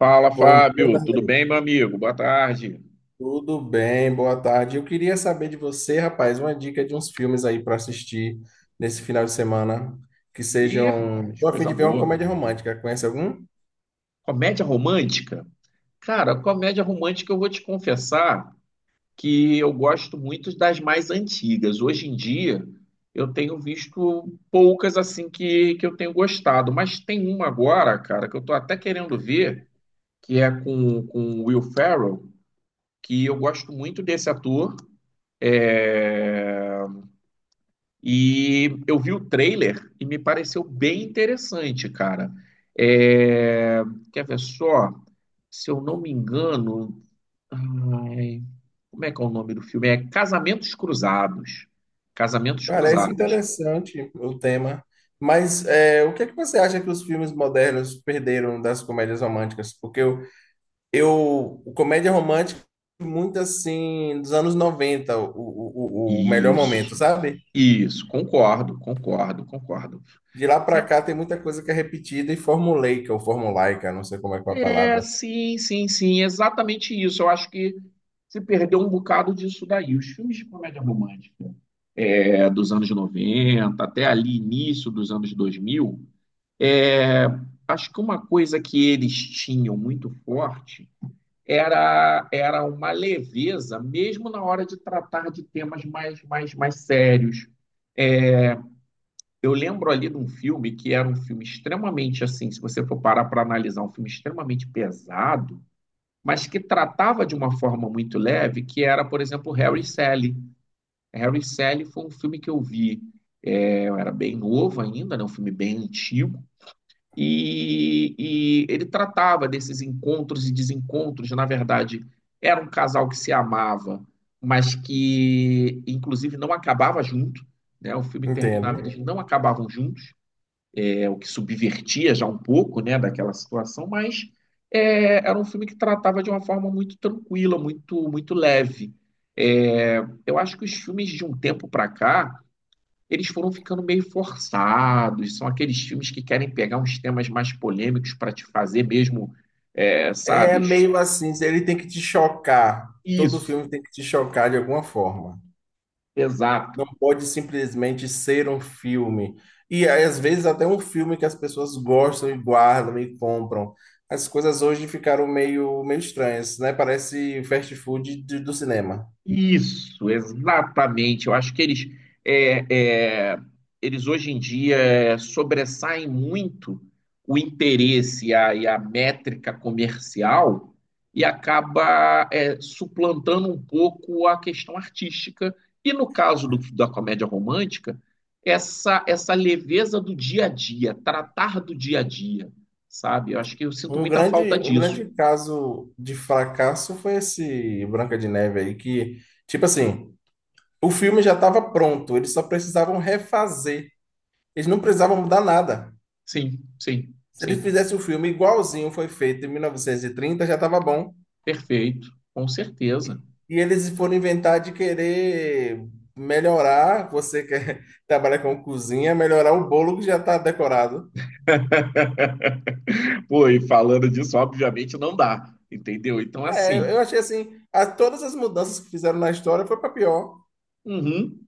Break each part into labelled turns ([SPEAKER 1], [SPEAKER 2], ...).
[SPEAKER 1] Fala,
[SPEAKER 2] Bom dia,
[SPEAKER 1] Fábio. Tudo
[SPEAKER 2] Darley.
[SPEAKER 1] bem, meu amigo? Boa tarde.
[SPEAKER 2] Tudo bem? Boa tarde. Eu queria saber de você, rapaz, uma dica de uns filmes aí para assistir nesse final de semana que
[SPEAKER 1] Ih,
[SPEAKER 2] sejam.
[SPEAKER 1] rapaz,
[SPEAKER 2] Tô a fim
[SPEAKER 1] coisa
[SPEAKER 2] de ver uma
[SPEAKER 1] boa.
[SPEAKER 2] comédia romântica. Conhece algum?
[SPEAKER 1] Comédia romântica? Cara, comédia romântica eu vou te confessar que eu gosto muito das mais antigas. Hoje em dia eu tenho visto poucas assim que eu tenho gostado, mas tem uma agora, cara, que eu tô até querendo ver, que é com o Will Ferrell, que eu gosto muito desse ator. É, E eu vi o trailer e me pareceu bem interessante, cara. É, Quer ver só? Se eu não me engano, ai, como é que é o nome do filme? É Casamentos Cruzados. Casamentos
[SPEAKER 2] Parece
[SPEAKER 1] Cruzados.
[SPEAKER 2] interessante o tema. Mas é, o que é que você acha que os filmes modernos perderam das comédias românticas? Porque eu o comédia romântica muito assim dos anos 90 o o melhor momento,
[SPEAKER 1] Isso,
[SPEAKER 2] sabe?
[SPEAKER 1] isso, concordo, concordo, concordo.
[SPEAKER 2] De lá pra
[SPEAKER 1] É,
[SPEAKER 2] cá tem muita coisa que é repetida e formulaica ou formulaica, não sei como é que é a
[SPEAKER 1] É,
[SPEAKER 2] palavra.
[SPEAKER 1] sim, sim, sim, exatamente isso. Eu acho que se perdeu um bocado disso daí. Os filmes de comédia romântica dos anos 90 até ali início dos anos 2000, é, acho que uma coisa que eles tinham muito forte era uma leveza, mesmo na hora de tratar de temas mais sérios. É, Eu lembro ali de um filme que era um filme extremamente assim, se você for parar para analisar, um filme extremamente pesado, mas que tratava de uma forma muito leve, que era, por exemplo, Harry e Sally. Harry e Sally foi um filme que eu vi, eu era bem novo ainda, né, um filme bem antigo, e ele tratava desses encontros e desencontros, na verdade, era um casal que se amava, mas que, inclusive, não acabava junto, né, o filme terminava,
[SPEAKER 2] Entendo.
[SPEAKER 1] eles não acabavam juntos, o que subvertia já um pouco, né, daquela situação, mas era um filme que tratava de uma forma muito tranquila, muito leve. É, eu acho que os filmes de um tempo para cá, eles foram ficando meio forçados, são aqueles filmes que querem pegar uns temas mais polêmicos para te fazer mesmo,
[SPEAKER 2] É
[SPEAKER 1] sabe?
[SPEAKER 2] meio assim, ele tem que te chocar. Todo
[SPEAKER 1] Isso,
[SPEAKER 2] filme tem que te chocar de alguma forma.
[SPEAKER 1] exato.
[SPEAKER 2] Não pode simplesmente ser um filme. E às vezes até um filme que as pessoas gostam e guardam e compram. As coisas hoje ficaram meio estranhas, né? Parece fast food do cinema.
[SPEAKER 1] Isso, exatamente. Eu acho que eles, é, é, eles hoje em dia sobressaem muito o interesse e e a métrica comercial e acaba suplantando um pouco a questão artística. E no caso da comédia romântica, essa leveza do dia a dia, tratar do dia a dia, sabe? Eu acho que eu sinto
[SPEAKER 2] O
[SPEAKER 1] muita falta
[SPEAKER 2] grande, o
[SPEAKER 1] disso.
[SPEAKER 2] grande caso de fracasso foi esse Branca de Neve aí, que, tipo assim, o filme já estava pronto, eles só precisavam refazer, eles não precisavam mudar nada.
[SPEAKER 1] Sim, sim,
[SPEAKER 2] Se eles
[SPEAKER 1] sim.
[SPEAKER 2] fizessem o filme igualzinho foi feito em 1930, já estava bom.
[SPEAKER 1] Perfeito, com certeza.
[SPEAKER 2] E eles foram inventar de querer melhorar, você que trabalha com cozinha, melhorar o bolo que já está decorado.
[SPEAKER 1] Pô, e falando disso, obviamente não dá, entendeu? Então,
[SPEAKER 2] É, eu
[SPEAKER 1] assim,
[SPEAKER 2] eu achei assim, todas as mudanças que fizeram na história foi para pior.
[SPEAKER 1] uhum,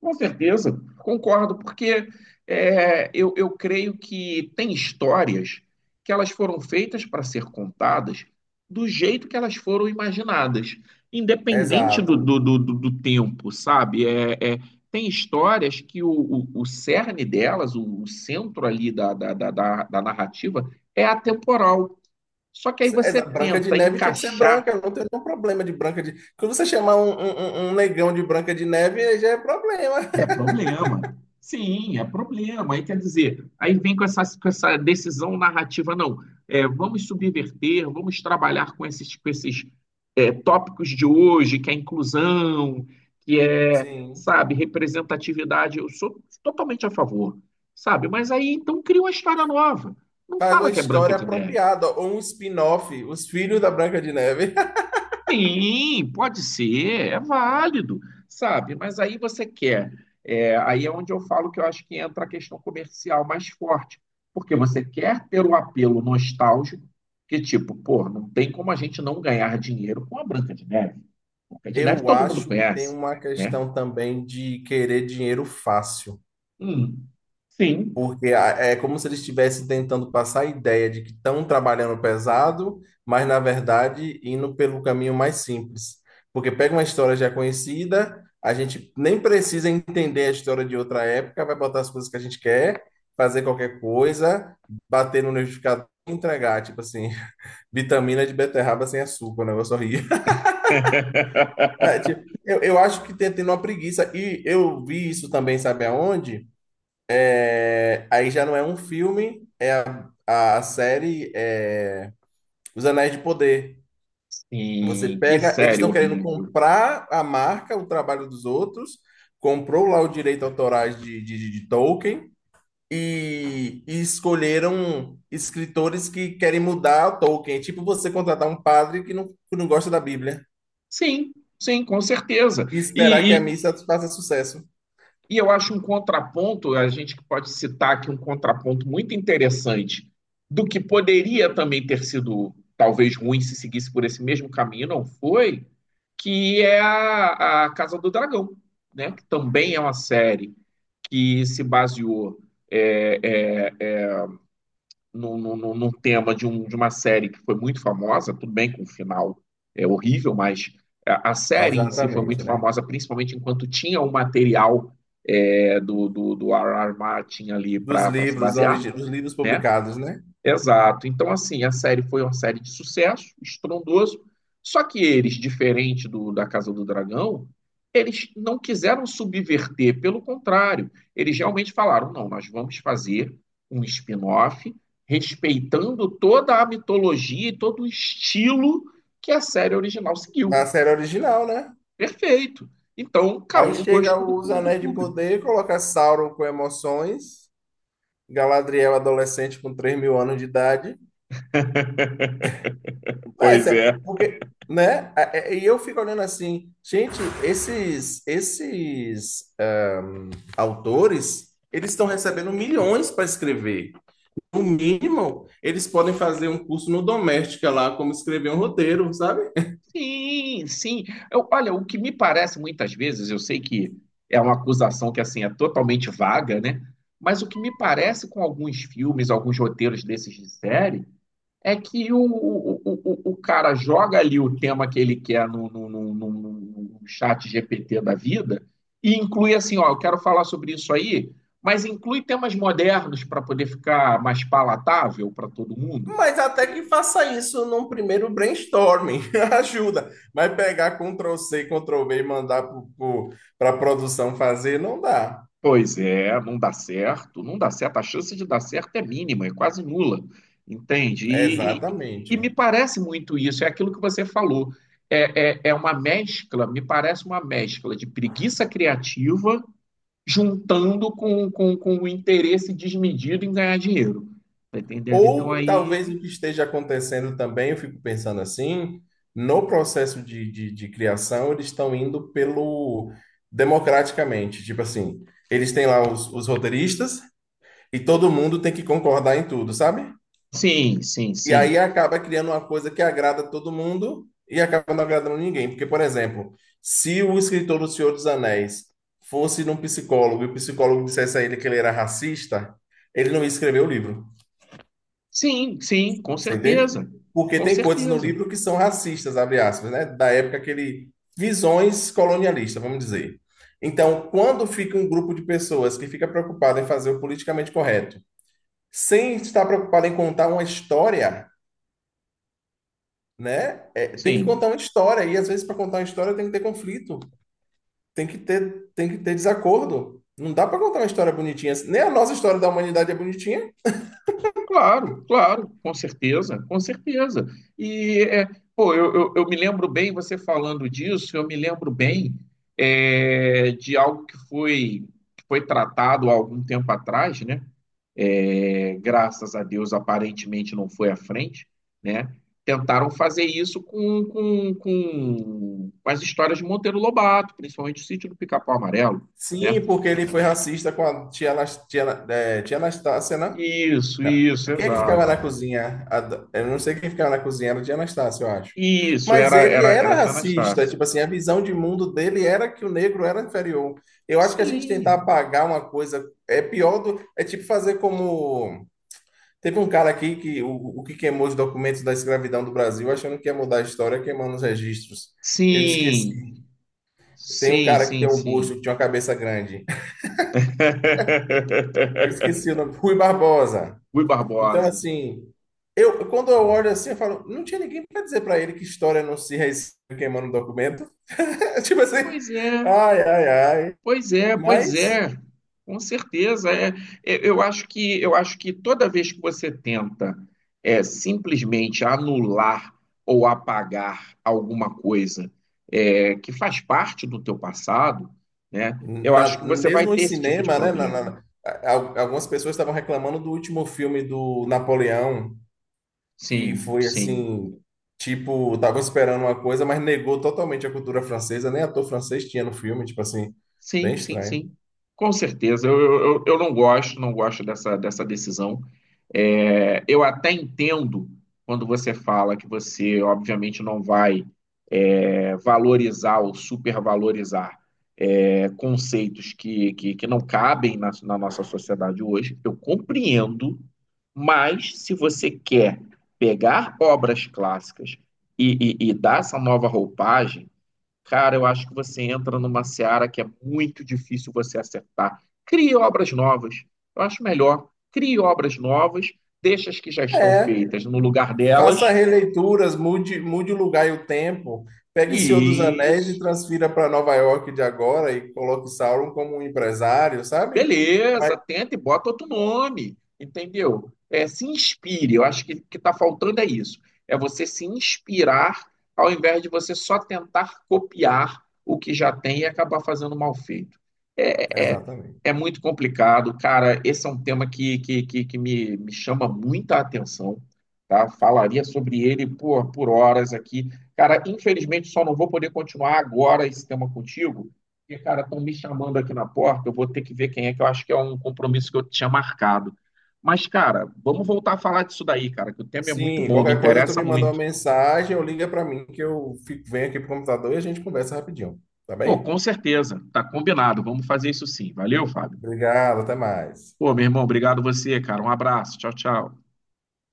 [SPEAKER 1] com certeza, concordo, porque eu creio que tem histórias que elas foram feitas para ser contadas do jeito que elas foram imaginadas, independente
[SPEAKER 2] Exato.
[SPEAKER 1] do tempo, sabe? Tem histórias que o cerne delas, o centro ali da narrativa, é atemporal. Só que aí você
[SPEAKER 2] Branca de
[SPEAKER 1] tenta
[SPEAKER 2] Neve tinha que ser
[SPEAKER 1] encaixar,
[SPEAKER 2] branca, eu não tem nenhum problema de Branca de... Quando você chamar um negão de Branca de Neve, aí já é problema.
[SPEAKER 1] é problema. Sim, é problema. Aí quer dizer, aí vem com essa decisão narrativa, não. É, vamos subverter, vamos trabalhar com esses, com esses tópicos de hoje, que é inclusão, que é,
[SPEAKER 2] Sim.
[SPEAKER 1] sabe, representatividade. Eu sou totalmente a favor, sabe? Mas aí então cria uma história nova. Não
[SPEAKER 2] Faz uma
[SPEAKER 1] fala que é Branca
[SPEAKER 2] história
[SPEAKER 1] de Neve.
[SPEAKER 2] apropriada, ou um spin-off, Os Filhos da Branca de Neve.
[SPEAKER 1] Sim, pode ser, é válido, sabe? Mas aí você quer, aí é onde eu falo que eu acho que entra a questão comercial mais forte, porque você quer ter o apelo nostálgico, que tipo, pô, não tem como a gente não ganhar dinheiro com a Branca de Neve. Branca de Neve
[SPEAKER 2] Eu
[SPEAKER 1] todo mundo
[SPEAKER 2] acho que tem
[SPEAKER 1] conhece,
[SPEAKER 2] uma
[SPEAKER 1] né?
[SPEAKER 2] questão também de querer dinheiro fácil.
[SPEAKER 1] Hum, sim,
[SPEAKER 2] Porque é como se eles estivessem tentando passar a ideia de que estão trabalhando pesado, mas na verdade indo pelo caminho mais simples. Porque pega uma história já conhecida, a gente nem precisa entender a história de outra época, vai botar as coisas que a gente quer, fazer qualquer coisa, bater no liquidificador e entregar, tipo assim, vitamina de beterraba sem açúcar, o negócio horrível. É, tipo, eu acho que tem uma preguiça. E eu vi isso também, sabe aonde? É, aí já não é um filme, a série é, Os Anéis de Poder. Você
[SPEAKER 1] sim, que
[SPEAKER 2] pega, eles
[SPEAKER 1] série
[SPEAKER 2] estão querendo
[SPEAKER 1] horrível.
[SPEAKER 2] comprar a marca, o trabalho dos outros, comprou lá o direito autorais de Tolkien e escolheram escritores que querem mudar o Tolkien. É tipo você contratar um padre que que não gosta da Bíblia
[SPEAKER 1] Sim, sim, com certeza.
[SPEAKER 2] e esperar que a missa faça sucesso.
[SPEAKER 1] E eu acho um contraponto, a gente pode citar aqui um contraponto muito interessante do que poderia também ter sido talvez ruim se seguisse por esse mesmo caminho, não foi, que é a Casa do Dragão, né? Que também é uma série que se baseou é, é, num tema de, um, de uma série que foi muito famosa, tudo bem com o final é horrível, mas a série em si foi
[SPEAKER 2] Exatamente,
[SPEAKER 1] muito
[SPEAKER 2] né?
[SPEAKER 1] famosa, principalmente enquanto tinha o material do R.R. Martin ali
[SPEAKER 2] Dos
[SPEAKER 1] para se
[SPEAKER 2] livros,
[SPEAKER 1] basear,
[SPEAKER 2] dos livros
[SPEAKER 1] né?
[SPEAKER 2] publicados, né?
[SPEAKER 1] Exato. Então, assim, a série foi uma série de sucesso, estrondoso. Só que eles, diferente da Casa do Dragão, eles não quiseram subverter, pelo contrário, eles realmente falaram: não, nós vamos fazer um spin-off respeitando toda a mitologia e todo o estilo que a série original
[SPEAKER 2] Da
[SPEAKER 1] seguiu.
[SPEAKER 2] série original, né?
[SPEAKER 1] Perfeito. Então, caiu
[SPEAKER 2] Aí
[SPEAKER 1] no
[SPEAKER 2] chega
[SPEAKER 1] gosto
[SPEAKER 2] os
[SPEAKER 1] do
[SPEAKER 2] Anéis de
[SPEAKER 1] público.
[SPEAKER 2] Poder, coloca Sauron com emoções, Galadriel adolescente com 3 mil anos de idade. Mas
[SPEAKER 1] Pois
[SPEAKER 2] é,
[SPEAKER 1] é.
[SPEAKER 2] porque, né? E eu fico olhando assim, gente, esses autores, eles estão recebendo milhões para escrever. No mínimo, eles podem fazer um curso no Doméstica lá, como escrever um roteiro, sabe?
[SPEAKER 1] Sim, sim. Eu, olha, o que me parece muitas vezes, eu sei que é uma acusação que assim é totalmente vaga, né? Mas o que me parece com alguns filmes, alguns roteiros desses de série, é que o cara joga ali o tema que ele quer no chat GPT da vida e inclui assim, ó, eu quero falar sobre isso aí, mas inclui temas modernos para poder ficar mais palatável para todo mundo.
[SPEAKER 2] Mas até que faça isso num primeiro brainstorming, ajuda. Mas pegar Ctrl+C, Ctrl+V e mandar para a produção fazer, não dá.
[SPEAKER 1] Pois é, não dá certo, não dá certo. A chance de dar certo é mínima, é quase nula, entende? E
[SPEAKER 2] Exatamente.
[SPEAKER 1] me parece muito isso, é aquilo que você falou. É uma mescla, me parece uma mescla de preguiça criativa juntando com o interesse desmedido em ganhar dinheiro. Tá entendendo? Então
[SPEAKER 2] Ou
[SPEAKER 1] aí.
[SPEAKER 2] talvez o que esteja acontecendo também, eu fico pensando assim, no processo de criação, eles estão indo pelo democraticamente. Tipo assim, eles têm lá os roteiristas e todo mundo tem que concordar em tudo, sabe?
[SPEAKER 1] Sim, sim,
[SPEAKER 2] E aí
[SPEAKER 1] sim.
[SPEAKER 2] acaba criando uma coisa que agrada todo mundo e acaba não agradando ninguém. Porque, por exemplo, se o escritor do Senhor dos Anéis fosse num psicólogo e o psicólogo dissesse a ele que ele era racista, ele não ia escrever o livro.
[SPEAKER 1] Sim, sim, com
[SPEAKER 2] Você entende?
[SPEAKER 1] certeza.
[SPEAKER 2] Porque
[SPEAKER 1] Com
[SPEAKER 2] tem coisas no
[SPEAKER 1] certeza.
[SPEAKER 2] livro que são racistas, abre aspas, né? Da época que ele. Visões colonialistas, vamos dizer. Então, quando fica um grupo de pessoas que fica preocupado em fazer o politicamente correto, sem estar preocupado em contar uma história, né? É, tem que
[SPEAKER 1] Sim.
[SPEAKER 2] contar uma história e às vezes para contar uma história tem que ter conflito, tem que ter desacordo. Não dá para contar uma história bonitinha. Nem a nossa história da humanidade é bonitinha.
[SPEAKER 1] Claro, claro, com certeza, com certeza. E, é, pô, eu me lembro bem, você falando disso, eu me lembro bem de algo que foi tratado há algum tempo atrás, né? É, graças a Deus, aparentemente não foi à frente, né? Tentaram fazer isso com as histórias de Monteiro Lobato, principalmente o Sítio do Pica-Pau Amarelo, né?
[SPEAKER 2] Sim, porque ele foi racista com a tia Anastácia, né?
[SPEAKER 1] Isso,
[SPEAKER 2] Não.
[SPEAKER 1] isso,
[SPEAKER 2] Quem é que ficava na
[SPEAKER 1] exato.
[SPEAKER 2] cozinha? Eu não sei quem ficava na cozinha, era a tia Anastácia, eu acho.
[SPEAKER 1] Isso,
[SPEAKER 2] Mas
[SPEAKER 1] era,
[SPEAKER 2] ele
[SPEAKER 1] era, era
[SPEAKER 2] era
[SPEAKER 1] a Tia
[SPEAKER 2] racista,
[SPEAKER 1] Anastácia.
[SPEAKER 2] tipo assim, a visão de mundo dele era que o negro era inferior. Eu acho que a gente tentar
[SPEAKER 1] Sim,
[SPEAKER 2] apagar uma coisa é pior do. É tipo fazer como teve um cara aqui o que queimou os documentos da escravidão do Brasil, achando que ia mudar a história, queimando os registros. Eu esqueci.
[SPEAKER 1] sim,
[SPEAKER 2] Tem um
[SPEAKER 1] sim,
[SPEAKER 2] cara que tem
[SPEAKER 1] sim,
[SPEAKER 2] um busto,
[SPEAKER 1] sim.
[SPEAKER 2] que tinha uma cabeça grande. Eu esqueci o nome, Rui Barbosa.
[SPEAKER 1] Rui
[SPEAKER 2] Então,
[SPEAKER 1] Barbosa.
[SPEAKER 2] assim, eu quando eu olho assim, eu falo, não tinha ninguém para dizer para ele que história não se reescreve queimando documento. Tipo assim,
[SPEAKER 1] Pois é,
[SPEAKER 2] ai, ai, ai.
[SPEAKER 1] pois é, pois
[SPEAKER 2] Mas,
[SPEAKER 1] é. Com certeza. Eu acho que toda vez que você tenta simplesmente anular ou apagar alguma coisa que faz parte do teu passado, né? Eu acho que você vai
[SPEAKER 2] mesmo em
[SPEAKER 1] ter esse tipo de
[SPEAKER 2] cinema, né?
[SPEAKER 1] problema.
[SPEAKER 2] Algumas pessoas estavam reclamando do último filme do Napoleão. Que
[SPEAKER 1] Sim,
[SPEAKER 2] foi
[SPEAKER 1] sim.
[SPEAKER 2] assim, tipo, tava esperando uma coisa, mas negou totalmente a cultura francesa, nem ator francês tinha no filme, tipo assim, bem
[SPEAKER 1] Sim, sim,
[SPEAKER 2] estranho.
[SPEAKER 1] sim. Com certeza. Eu não gosto, não gosto dessa decisão. É, eu até entendo quando você fala que você, obviamente, não vai valorizar ou supervalorizar conceitos que não cabem na nossa sociedade hoje. Eu compreendo, mas se você quer pegar obras clássicas e dar essa nova roupagem. Cara, eu acho que você entra numa seara que é muito difícil você acertar. Crie obras novas. Eu acho melhor. Crie obras novas, deixa as que já estão
[SPEAKER 2] É,
[SPEAKER 1] feitas no lugar delas.
[SPEAKER 2] faça releituras, mude o lugar e o tempo, pegue o Senhor dos
[SPEAKER 1] E
[SPEAKER 2] Anéis e transfira para Nova York de agora e coloque Sauron como um empresário, sabe? Mas,
[SPEAKER 1] Beleza, tenta e bota outro nome, entendeu? É, se inspire, eu acho que está faltando é isso. É você se inspirar ao invés de você só tentar copiar o que já tem e acabar fazendo mal feito. É, é,
[SPEAKER 2] exatamente.
[SPEAKER 1] é muito complicado, cara. Esse é um tema que me, me chama muita atenção, tá? Falaria sobre ele por horas aqui. Cara, infelizmente só não vou poder continuar agora esse tema contigo porque, cara, estão me chamando aqui na porta, eu vou ter que ver quem é, que eu acho que é um compromisso que eu tinha marcado. Mas, cara, vamos voltar a falar disso daí, cara, que o tema é muito
[SPEAKER 2] Sim,
[SPEAKER 1] bom, me
[SPEAKER 2] qualquer coisa tu
[SPEAKER 1] interessa
[SPEAKER 2] me manda uma
[SPEAKER 1] muito.
[SPEAKER 2] mensagem ou liga para mim que eu fico, venho aqui pro computador e a gente conversa rapidinho, tá
[SPEAKER 1] Pô,
[SPEAKER 2] bem?
[SPEAKER 1] com certeza, tá combinado, vamos fazer isso sim. Valeu, Fábio.
[SPEAKER 2] Obrigado, até mais.
[SPEAKER 1] Pô, meu irmão, obrigado você, cara. Um abraço, tchau, tchau.